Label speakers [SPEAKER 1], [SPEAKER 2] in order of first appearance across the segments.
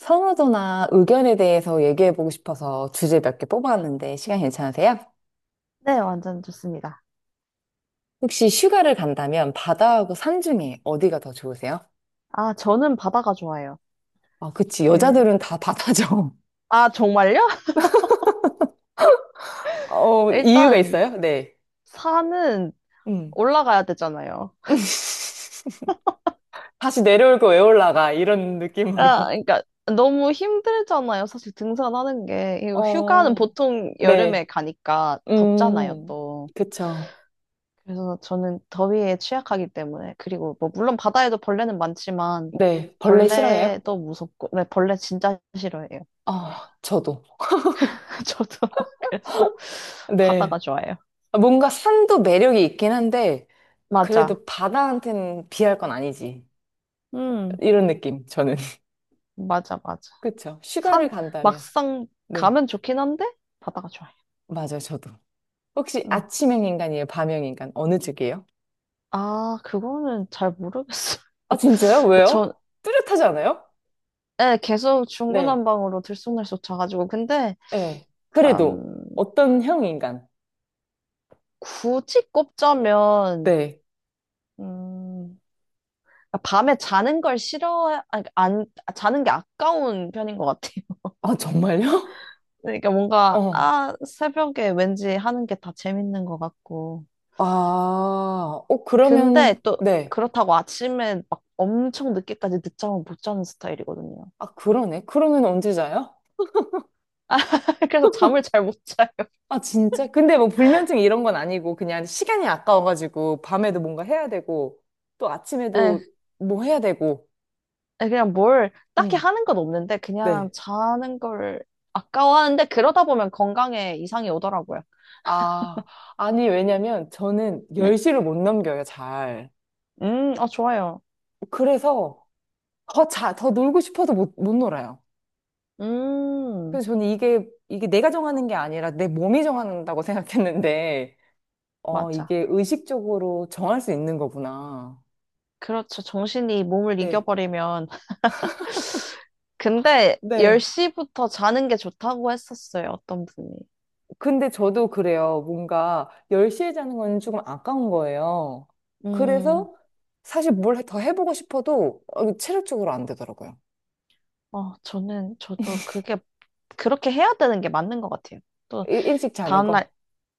[SPEAKER 1] 선호도나 의견에 대해서 얘기해보고 싶어서 주제 몇 개 뽑아왔는데 시간 괜찮으세요?
[SPEAKER 2] 네, 완전 좋습니다.
[SPEAKER 1] 혹시 휴가를 간다면 바다하고 산 중에 어디가 더 좋으세요?
[SPEAKER 2] 아, 저는 바다가 좋아요.
[SPEAKER 1] 아, 그치.
[SPEAKER 2] 그,
[SPEAKER 1] 여자들은 다 바다죠.
[SPEAKER 2] 아, 정말요?
[SPEAKER 1] 어, 이유가
[SPEAKER 2] 일단,
[SPEAKER 1] 있어요? 네.
[SPEAKER 2] 산은
[SPEAKER 1] 음.
[SPEAKER 2] 올라가야 되잖아요.
[SPEAKER 1] 다시 내려올 거 왜 올라가? 이런 느낌으로.
[SPEAKER 2] 아, 그러니까, 너무 힘들잖아요. 사실 등산하는 게. 이거 휴가는
[SPEAKER 1] 어,
[SPEAKER 2] 보통 여름에
[SPEAKER 1] 네.
[SPEAKER 2] 가니까 덥잖아요,
[SPEAKER 1] 음,
[SPEAKER 2] 또.
[SPEAKER 1] 그쵸.
[SPEAKER 2] 그래서 저는 더위에 취약하기 때문에. 그리고 뭐, 물론 바다에도 벌레는 많지만,
[SPEAKER 1] 네. 벌레 싫어해요?
[SPEAKER 2] 벌레도 무섭고, 네, 벌레 진짜 싫어해요.
[SPEAKER 1] 아, 저도.
[SPEAKER 2] 저도 그래서 바다가
[SPEAKER 1] 네.
[SPEAKER 2] 좋아요.
[SPEAKER 1] 뭔가 산도 매력이 있긴 한데,
[SPEAKER 2] 맞아.
[SPEAKER 1] 그래도 바다한테는 비할 건 아니지.
[SPEAKER 2] 음,
[SPEAKER 1] 이런 느낌, 저는.
[SPEAKER 2] 맞아, 맞아.
[SPEAKER 1] 그쵸. 휴가를
[SPEAKER 2] 산
[SPEAKER 1] 간다면.
[SPEAKER 2] 막상
[SPEAKER 1] 네.
[SPEAKER 2] 가면 좋긴 한데 바다가 좋아요.
[SPEAKER 1] 맞아요, 저도. 혹시
[SPEAKER 2] 음.
[SPEAKER 1] 아침형 인간이에요? 밤형 인간? 어느 쪽이에요?
[SPEAKER 2] 아, 그거는 잘 모르겠어요.
[SPEAKER 1] 아, 진짜요? 왜요?
[SPEAKER 2] 전
[SPEAKER 1] 뚜렷하지 않아요?
[SPEAKER 2] 예, 계속
[SPEAKER 1] 네.
[SPEAKER 2] 중구난방으로 들쑥날쑥 자가지고 근데
[SPEAKER 1] 네.
[SPEAKER 2] 음,
[SPEAKER 1] 그래도 어떤 형 인간?
[SPEAKER 2] 굳이 꼽자면
[SPEAKER 1] 네.
[SPEAKER 2] 음, 밤에 자는 걸 싫어 아니, 그러니까 안 자는 게 아까운 편인 것 같아요.
[SPEAKER 1] 아, 정말요?
[SPEAKER 2] 그러니까 뭔가
[SPEAKER 1] 어.
[SPEAKER 2] 아 새벽에 왠지 하는 게 다 재밌는 것 같고
[SPEAKER 1] 아, 그러면,
[SPEAKER 2] 근데 또
[SPEAKER 1] 네.
[SPEAKER 2] 그렇다고 아침에 막 엄청 늦게까지 늦잠을 못 자는 스타일이거든요.
[SPEAKER 1] 아, 그러네. 그러면 언제 자요?
[SPEAKER 2] 그래서 잠을 잘 못 자요.
[SPEAKER 1] 아, 진짜? 근데 뭐 불면증 이런 건 아니고 그냥 시간이 아까워가지고 밤에도 뭔가 해야 되고 또
[SPEAKER 2] 예,
[SPEAKER 1] 아침에도 뭐 해야 되고.
[SPEAKER 2] 예, 그냥 뭘 딱히
[SPEAKER 1] 응.
[SPEAKER 2] 하는 건 없는데 그냥
[SPEAKER 1] 네.
[SPEAKER 2] 자는 걸 아까워하는데 그러다 보면 건강에 이상이 오더라고요.
[SPEAKER 1] 아, 아니, 왜냐면 저는 열
[SPEAKER 2] 네.
[SPEAKER 1] 시를 못 넘겨요, 잘.
[SPEAKER 2] 아, 좋아요.
[SPEAKER 1] 그래서 더 놀고 싶어도 못 놀아요.
[SPEAKER 2] 음,
[SPEAKER 1] 그래서 저는 이게 내가 정하는 게 아니라 내 몸이 정한다고 생각했는데, 어,
[SPEAKER 2] 맞아.
[SPEAKER 1] 이게 의식적으로 정할 수 있는 거구나.
[SPEAKER 2] 그렇죠. 정신이 몸을
[SPEAKER 1] 네.
[SPEAKER 2] 이겨버리면. 근데
[SPEAKER 1] 네.
[SPEAKER 2] 10시부터 자는 게 좋다고 했었어요. 어떤 분이.
[SPEAKER 1] 근데 저도 그래요. 뭔가 10시에 자는 건 조금 아까운 거예요.
[SPEAKER 2] 음,
[SPEAKER 1] 그래서 사실 뭘 더 해보고 싶어도 어, 체력적으로 안 되더라고요.
[SPEAKER 2] 어, 저는, 저도 그게, 그렇게 해야 되는 게 맞는 것 같아요. 또,
[SPEAKER 1] 일찍 자는 거.
[SPEAKER 2] 다음날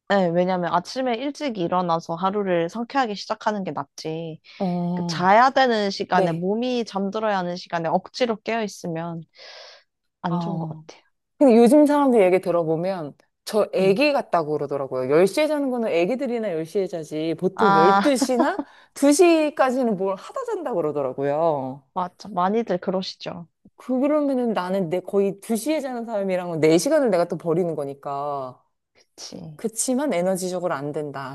[SPEAKER 2] 네, 왜냐면 아침에 일찍 일어나서 하루를 상쾌하게 시작하는 게 낫지. 그
[SPEAKER 1] 어,
[SPEAKER 2] 자야 되는 시간에,
[SPEAKER 1] 네.
[SPEAKER 2] 몸이 잠들어야 하는 시간에 억지로 깨어 있으면 안 좋은 것
[SPEAKER 1] 아.
[SPEAKER 2] 같아요.
[SPEAKER 1] 근데 요즘 사람들 얘기 들어보면 저
[SPEAKER 2] 음.
[SPEAKER 1] 애기 같다고 그러더라고요. 10시에 자는 거는 애기들이나 10시에 자지 보통
[SPEAKER 2] 아,
[SPEAKER 1] 12시나 2시까지는 뭘 하다 잔다고 그러더라고요.
[SPEAKER 2] 맞아. 많이들 그러시죠.
[SPEAKER 1] 그러면은 나는 내 거의 2시에 자는 사람이랑은 4시간을 내가 또 버리는 거니까.
[SPEAKER 2] 그치.
[SPEAKER 1] 그치만 에너지적으로 안 된다.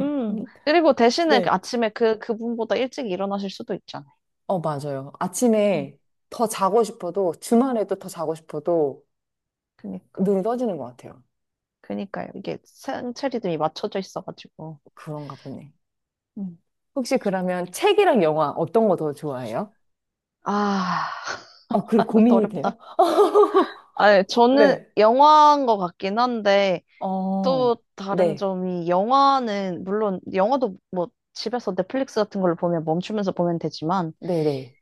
[SPEAKER 2] 음.
[SPEAKER 1] 음,
[SPEAKER 2] 그리고 대신에 그
[SPEAKER 1] 네.
[SPEAKER 2] 아침에 그, 그분보다 일찍 일어나실 수도 있잖아요.
[SPEAKER 1] 어, 맞아요.
[SPEAKER 2] 음.
[SPEAKER 1] 아침에 더 자고 싶어도, 주말에도 더 자고 싶어도
[SPEAKER 2] 그니까.
[SPEAKER 1] 눈이 떠지는 것 같아요.
[SPEAKER 2] 그니까요. 이게 생체 리듬이 맞춰져 있어가지고.
[SPEAKER 1] 그런가 보네.
[SPEAKER 2] 음.
[SPEAKER 1] 혹시 그러면 책이랑 영화 어떤 거 더 좋아해요?
[SPEAKER 2] 아,
[SPEAKER 1] 아,
[SPEAKER 2] 아,
[SPEAKER 1] 그리고
[SPEAKER 2] 이것도
[SPEAKER 1] 고민이
[SPEAKER 2] 어렵다.
[SPEAKER 1] 돼요?
[SPEAKER 2] 아, 예, 저는
[SPEAKER 1] 네.
[SPEAKER 2] 영화인 것 같긴 한데,
[SPEAKER 1] 어,
[SPEAKER 2] 또 다른
[SPEAKER 1] 네.
[SPEAKER 2] 점이 영화는 물론 영화도 뭐 집에서 넷플릭스 같은 걸 보면 멈추면서 보면 되지만
[SPEAKER 1] 네네.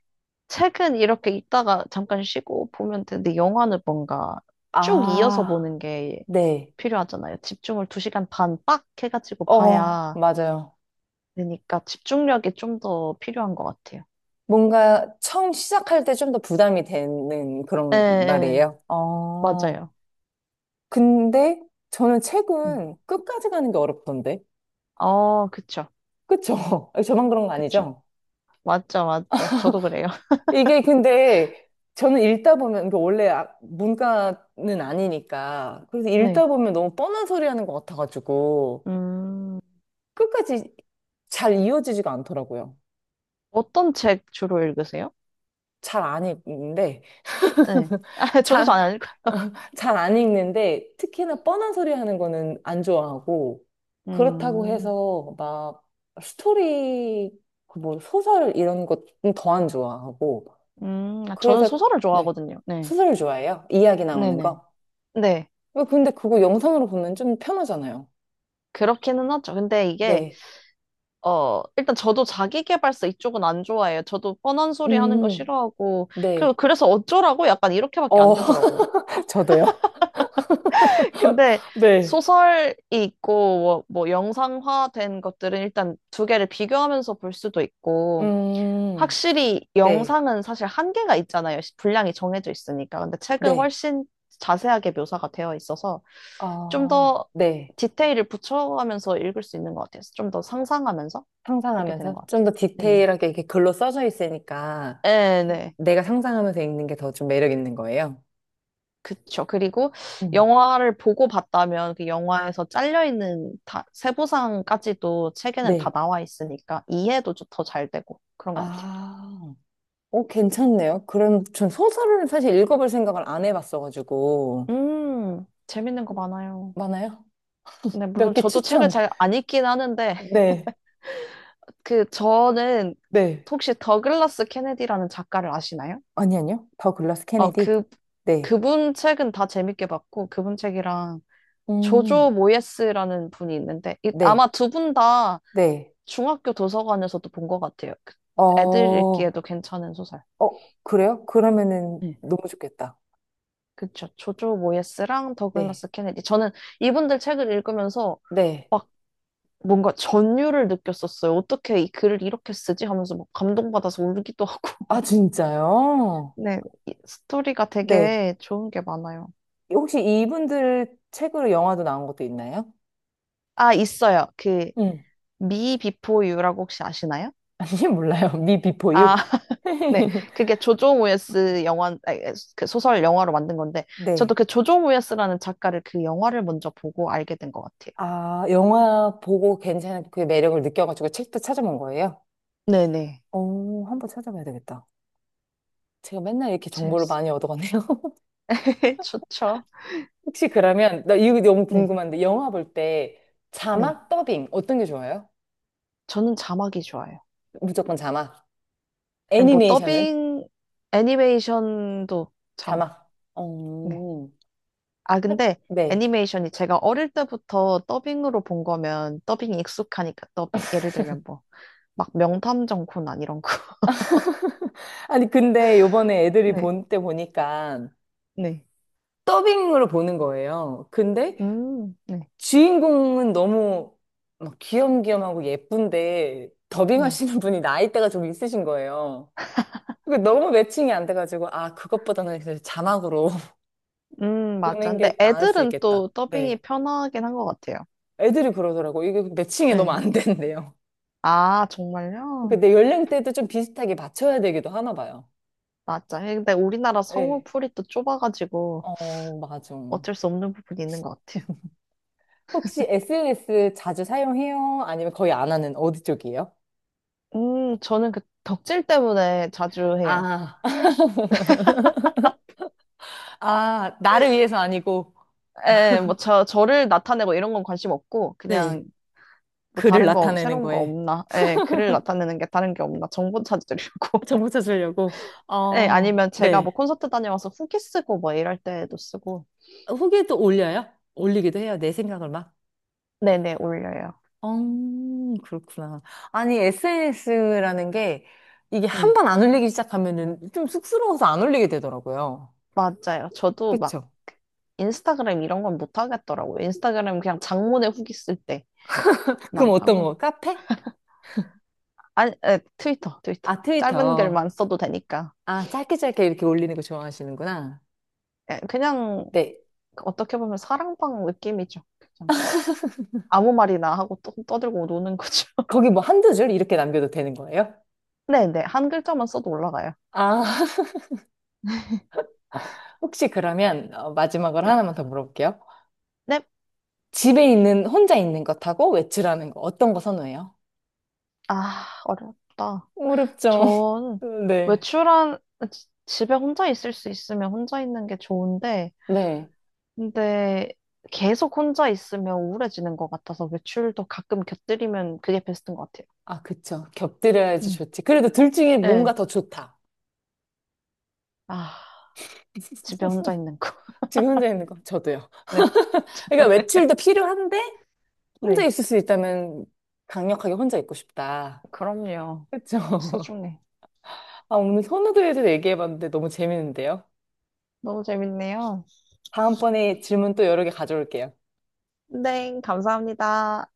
[SPEAKER 2] 책은 이렇게 있다가 잠깐 쉬고 보면 되는데 영화는 뭔가 쭉 이어서
[SPEAKER 1] 아,
[SPEAKER 2] 보는 게
[SPEAKER 1] 네.
[SPEAKER 2] 필요하잖아요. 집중을 2시간 반 빡 해가지고
[SPEAKER 1] 어,
[SPEAKER 2] 봐야
[SPEAKER 1] 맞아요.
[SPEAKER 2] 되니까 집중력이 좀 더 필요한 것 같아요.
[SPEAKER 1] 뭔가 처음 시작할 때 좀 더 부담이 되는
[SPEAKER 2] 예,
[SPEAKER 1] 그런
[SPEAKER 2] 예,
[SPEAKER 1] 말이에요. 어.
[SPEAKER 2] 맞아요.
[SPEAKER 1] 근데 저는
[SPEAKER 2] 음.
[SPEAKER 1] 책은 끝까지 가는 게 어렵던데.
[SPEAKER 2] 어, 그쵸,
[SPEAKER 1] 그쵸? 저만 그런 거
[SPEAKER 2] 그쵸.
[SPEAKER 1] 아니죠?
[SPEAKER 2] 맞죠, 맞죠. 저도 그래요.
[SPEAKER 1] 이게 근데 저는 읽다 보면, 이게 원래 문과는 아니니까. 그래서 읽다
[SPEAKER 2] 네.
[SPEAKER 1] 보면 너무 뻔한 소리 하는 것 같아가지고.
[SPEAKER 2] 음,
[SPEAKER 1] 끝까지 잘 이어지지가 않더라고요.
[SPEAKER 2] 어떤 책 주로 읽으세요?
[SPEAKER 1] 잘 안 읽는데.
[SPEAKER 2] 네. 아, 저도 잘
[SPEAKER 1] 잘,
[SPEAKER 2] 안 읽어요.
[SPEAKER 1] 잘 안 읽는데, 특히나 뻔한 소리 하는 거는 안 좋아하고, 그렇다고
[SPEAKER 2] 음,
[SPEAKER 1] 해서 막 스토리, 그뭐 소설 이런 것은 더 안 좋아하고,
[SPEAKER 2] 아, 저는
[SPEAKER 1] 그래서,
[SPEAKER 2] 소설을
[SPEAKER 1] 네,
[SPEAKER 2] 좋아하거든요. 네.
[SPEAKER 1] 소설을 좋아해요. 이야기 나오는
[SPEAKER 2] 네네.
[SPEAKER 1] 거.
[SPEAKER 2] 네.
[SPEAKER 1] 어, 근데 그거 영상으로 보면 좀 편하잖아요.
[SPEAKER 2] 그렇기는 하죠. 근데 이게,
[SPEAKER 1] 네.
[SPEAKER 2] 어, 일단 저도 자기계발서 이쪽은 안 좋아해요. 저도 뻔한 소리 하는 거
[SPEAKER 1] 음,
[SPEAKER 2] 싫어하고, 그,
[SPEAKER 1] 네.
[SPEAKER 2] 그래서 어쩌라고? 약간 이렇게밖에 안
[SPEAKER 1] 어,
[SPEAKER 2] 되더라고요.
[SPEAKER 1] 저도요.
[SPEAKER 2] 근데
[SPEAKER 1] 네.
[SPEAKER 2] 소설이 있고, 뭐, 뭐 영상화된 것들은 일단 두 개를 비교하면서 볼 수도 있고,
[SPEAKER 1] 음,
[SPEAKER 2] 확실히
[SPEAKER 1] 네.
[SPEAKER 2] 영상은 사실 한계가 있잖아요. 시- 분량이 정해져 있으니까. 근데 책은
[SPEAKER 1] 네.
[SPEAKER 2] 훨씬 자세하게 묘사가 되어 있어서 좀
[SPEAKER 1] 아,
[SPEAKER 2] 더
[SPEAKER 1] 네.
[SPEAKER 2] 디테일을 붙여가면서 읽을 수 있는 것 같아요. 좀 더 상상하면서 보게 되는
[SPEAKER 1] 상상하면서
[SPEAKER 2] 것
[SPEAKER 1] 좀
[SPEAKER 2] 같아요.
[SPEAKER 1] 더
[SPEAKER 2] 네네.
[SPEAKER 1] 디테일하게 이렇게 글로 써져 있으니까
[SPEAKER 2] 네네.
[SPEAKER 1] 내가 상상하면서 읽는 게 더 좀 매력 있는 거예요.
[SPEAKER 2] 그쵸. 그리고
[SPEAKER 1] 음.
[SPEAKER 2] 영화를 보고 봤다면 그 영화에서 잘려있는 다, 세부상까지도 책에는 다
[SPEAKER 1] 네.
[SPEAKER 2] 나와 있으니까 이해도 더 잘 되고 그런 것 같아요.
[SPEAKER 1] 아, 오, 괜찮네요. 그럼 전 소설을 사실 읽어볼 생각을 안 해봤어가지고.
[SPEAKER 2] 재밌는 거 많아요.
[SPEAKER 1] 많아요?
[SPEAKER 2] 네,
[SPEAKER 1] 몇
[SPEAKER 2] 물론
[SPEAKER 1] 개
[SPEAKER 2] 저도 책을
[SPEAKER 1] 추천.
[SPEAKER 2] 잘 안 읽긴 하는데,
[SPEAKER 1] 네,
[SPEAKER 2] 그, 저는,
[SPEAKER 1] 네.
[SPEAKER 2] 혹시 더글라스 케네디라는 작가를 아시나요?
[SPEAKER 1] 아니, 아니요. 더 글라스
[SPEAKER 2] 어,
[SPEAKER 1] 케네디.
[SPEAKER 2] 그,
[SPEAKER 1] 네.
[SPEAKER 2] 그분 책은 다 재밌게 봤고, 그분 책이랑
[SPEAKER 1] 음,
[SPEAKER 2] 조조 모예스라는 분이 있는데, 이-
[SPEAKER 1] 네,
[SPEAKER 2] 아마 두 분 다
[SPEAKER 1] 네.
[SPEAKER 2] 중학교 도서관에서도 본 것 같아요. 그
[SPEAKER 1] 어,
[SPEAKER 2] 애들
[SPEAKER 1] 어,
[SPEAKER 2] 읽기에도 괜찮은 소설.
[SPEAKER 1] 그래요? 그러면은
[SPEAKER 2] 네.
[SPEAKER 1] 너무 좋겠다.
[SPEAKER 2] 그쵸. 조조 모예스랑
[SPEAKER 1] 네,
[SPEAKER 2] 더글라스 케네디. 저는 이분들 책을 읽으면서
[SPEAKER 1] 네.
[SPEAKER 2] 막 뭔가 전율을 느꼈었어요. 어떻게 이 글을 이렇게 쓰지? 하면서 막 감동받아서 울기도 하고.
[SPEAKER 1] 아, 진짜요?
[SPEAKER 2] 네, 이- 스토리가
[SPEAKER 1] 네.
[SPEAKER 2] 되게 좋은 게 많아요.
[SPEAKER 1] 혹시 이분들 책으로 영화도 나온 것도 있나요?
[SPEAKER 2] 아, 있어요. 그,
[SPEAKER 1] 응.
[SPEAKER 2] Me Before You라고 혹시 아시나요?
[SPEAKER 1] 아니, 몰라요. 미 비포 유.
[SPEAKER 2] 아, 네. 그게 조조 우에스 영화, 아니, 그 소설 영화로 만든 건데, 저도
[SPEAKER 1] 네.
[SPEAKER 2] 그 조조 우에스라는 작가를 그 영화를 먼저 보고 알게 된 것 같아요.
[SPEAKER 1] 아, 영화 보고 괜찮은 그 매력을 느껴가지고 책도 찾아본 거예요?
[SPEAKER 2] 네네.
[SPEAKER 1] 오, 한번 찾아봐야 되겠다. 제가 맨날 이렇게 정보를
[SPEAKER 2] 재밌어요.
[SPEAKER 1] 많이 얻어가네요.
[SPEAKER 2] 좋죠.
[SPEAKER 1] 혹시 그러면, 나 이거 너무
[SPEAKER 2] 네,
[SPEAKER 1] 궁금한데, 영화 볼 때
[SPEAKER 2] 네.
[SPEAKER 1] 자막 더빙 어떤 게 좋아요?
[SPEAKER 2] 저는 자막이 좋아요.
[SPEAKER 1] 무조건 자막.
[SPEAKER 2] 뭐,
[SPEAKER 1] 애니메이션은?
[SPEAKER 2] 더빙, 애니메이션도 자막.
[SPEAKER 1] 자막.
[SPEAKER 2] 네.
[SPEAKER 1] 어,
[SPEAKER 2] 아, 근데
[SPEAKER 1] 네.
[SPEAKER 2] 애니메이션이 제가 어릴 때부터 더빙으로 본 거면 더빙이 익숙하니까 더빙. 예를 들면 뭐, 막 명탐정 코난 이런 거.
[SPEAKER 1] 아니, 근데 요번에 애들이
[SPEAKER 2] 네,
[SPEAKER 1] 본 때 보니까
[SPEAKER 2] 네.
[SPEAKER 1] 더빙으로 보는 거예요. 근데
[SPEAKER 2] 네,
[SPEAKER 1] 주인공은 너무 막 귀염귀염하고 예쁜데
[SPEAKER 2] 네.
[SPEAKER 1] 더빙하시는 분이 나이대가 좀 있으신 거예요. 그게 너무 매칭이 안 돼가지고 아 그것보다는 그냥 자막으로
[SPEAKER 2] 맞아.
[SPEAKER 1] 보는
[SPEAKER 2] 근데
[SPEAKER 1] 게 나을 수
[SPEAKER 2] 애들은
[SPEAKER 1] 있겠다.
[SPEAKER 2] 또 더빙이
[SPEAKER 1] 네.
[SPEAKER 2] 편하긴 한 것 같아요.
[SPEAKER 1] 애들이 그러더라고. 이게 매칭이 너무
[SPEAKER 2] 네.
[SPEAKER 1] 안 된대요.
[SPEAKER 2] 아, 정말요?
[SPEAKER 1] 근데 연령대도 좀 비슷하게 맞춰야 되기도 하나 봐요.
[SPEAKER 2] 맞아. 근데 우리나라
[SPEAKER 1] 네.
[SPEAKER 2] 성우풀이 또 좁아가지고
[SPEAKER 1] 어, 맞아.
[SPEAKER 2] 어쩔 수 없는 부분이 있는 것 같아요.
[SPEAKER 1] 혹시 SNS 자주 사용해요? 아니면 거의 안 하는 어디 쪽이에요?
[SPEAKER 2] 저는 그 덕질 때문에 자주 해요.
[SPEAKER 1] 아. 아, 나를 위해서 아니고
[SPEAKER 2] 예, 뭐, 저, 저를 나타내고 이런 건 관심 없고,
[SPEAKER 1] 네.
[SPEAKER 2] 그냥 뭐
[SPEAKER 1] 그를
[SPEAKER 2] 다른 거
[SPEAKER 1] 나타내는
[SPEAKER 2] 새로운 거
[SPEAKER 1] 거에
[SPEAKER 2] 없나? 예, 글을 나타내는 게 다른 게 없나? 정보 찾으려고.
[SPEAKER 1] 정보 찾으려고.
[SPEAKER 2] 예,
[SPEAKER 1] 어,
[SPEAKER 2] 아니면 제가 뭐
[SPEAKER 1] 네.
[SPEAKER 2] 콘서트 다녀와서 후기 쓰고 뭐 이럴 때도 쓰고.
[SPEAKER 1] 후기도 올려요? 올리기도 해요. 내 생각을 막.
[SPEAKER 2] 네네, 올려요.
[SPEAKER 1] 그렇구나. 아니, SNS라는 게 이게 한
[SPEAKER 2] 네,
[SPEAKER 1] 번 안 올리기 시작하면은 좀 쑥스러워서 안 올리게 되더라고요.
[SPEAKER 2] 맞아요. 저도 막
[SPEAKER 1] 그쵸?
[SPEAKER 2] 인스타그램 이런 건 못 하겠더라고요. 인스타그램 그냥 장문의 후기 쓸 때만
[SPEAKER 1] 그럼 어떤 거?
[SPEAKER 2] 하고.
[SPEAKER 1] 카페?
[SPEAKER 2] 아니, 예, 트위터, 트위터.
[SPEAKER 1] 아,
[SPEAKER 2] 짧은
[SPEAKER 1] 트위터.
[SPEAKER 2] 글만 써도 되니까.
[SPEAKER 1] 아, 짧게 짧게 이렇게 올리는 거 좋아하시는구나.
[SPEAKER 2] 예, 그냥
[SPEAKER 1] 네.
[SPEAKER 2] 어떻게 보면 사랑방 느낌이죠. 그냥 아무 말이나 하고 떠, 떠들고 노는 거죠.
[SPEAKER 1] 거기 뭐 한두 줄 이렇게 남겨도 되는 거예요?
[SPEAKER 2] 네네, 한 글자만 써도 올라가요.
[SPEAKER 1] 아, 혹시 그러면 어, 마지막으로
[SPEAKER 2] 네.
[SPEAKER 1] 하나만 더 물어볼게요.
[SPEAKER 2] 넵.
[SPEAKER 1] 집에 있는, 혼자 있는 것하고 외출하는 거 어떤 거 선호해요?
[SPEAKER 2] 아, 어렵다.
[SPEAKER 1] 어렵죠.
[SPEAKER 2] 전
[SPEAKER 1] 네.
[SPEAKER 2] 외출한, 지- 집에 혼자 있을 수 있으면 혼자 있는 게 좋은데,
[SPEAKER 1] 네.
[SPEAKER 2] 근데 계속 혼자 있으면 우울해지는 것 같아서 외출도 가끔 곁들이면 그게 베스트인 것 같아요.
[SPEAKER 1] 아, 그쵸. 곁들여야지
[SPEAKER 2] 음.
[SPEAKER 1] 좋지. 그래도 둘 중에 뭔가
[SPEAKER 2] 네.
[SPEAKER 1] 더 좋다.
[SPEAKER 2] 아, 집에 혼자 있는 거.
[SPEAKER 1] 집에 혼자 있는 거. 저도요.
[SPEAKER 2] 네.
[SPEAKER 1] 그러니까 외출도 필요한데 혼자
[SPEAKER 2] 네.
[SPEAKER 1] 있을 수 있다면 강력하게 혼자 있고 싶다.
[SPEAKER 2] 그럼요.
[SPEAKER 1] 그쵸.
[SPEAKER 2] 소중해.
[SPEAKER 1] 아, 오늘 선호도에 대해서 얘기해봤는데 너무 재밌는데요.
[SPEAKER 2] 너무 재밌네요.
[SPEAKER 1] 다음번에 질문 또 여러 개 가져올게요.
[SPEAKER 2] 네, 감사합니다.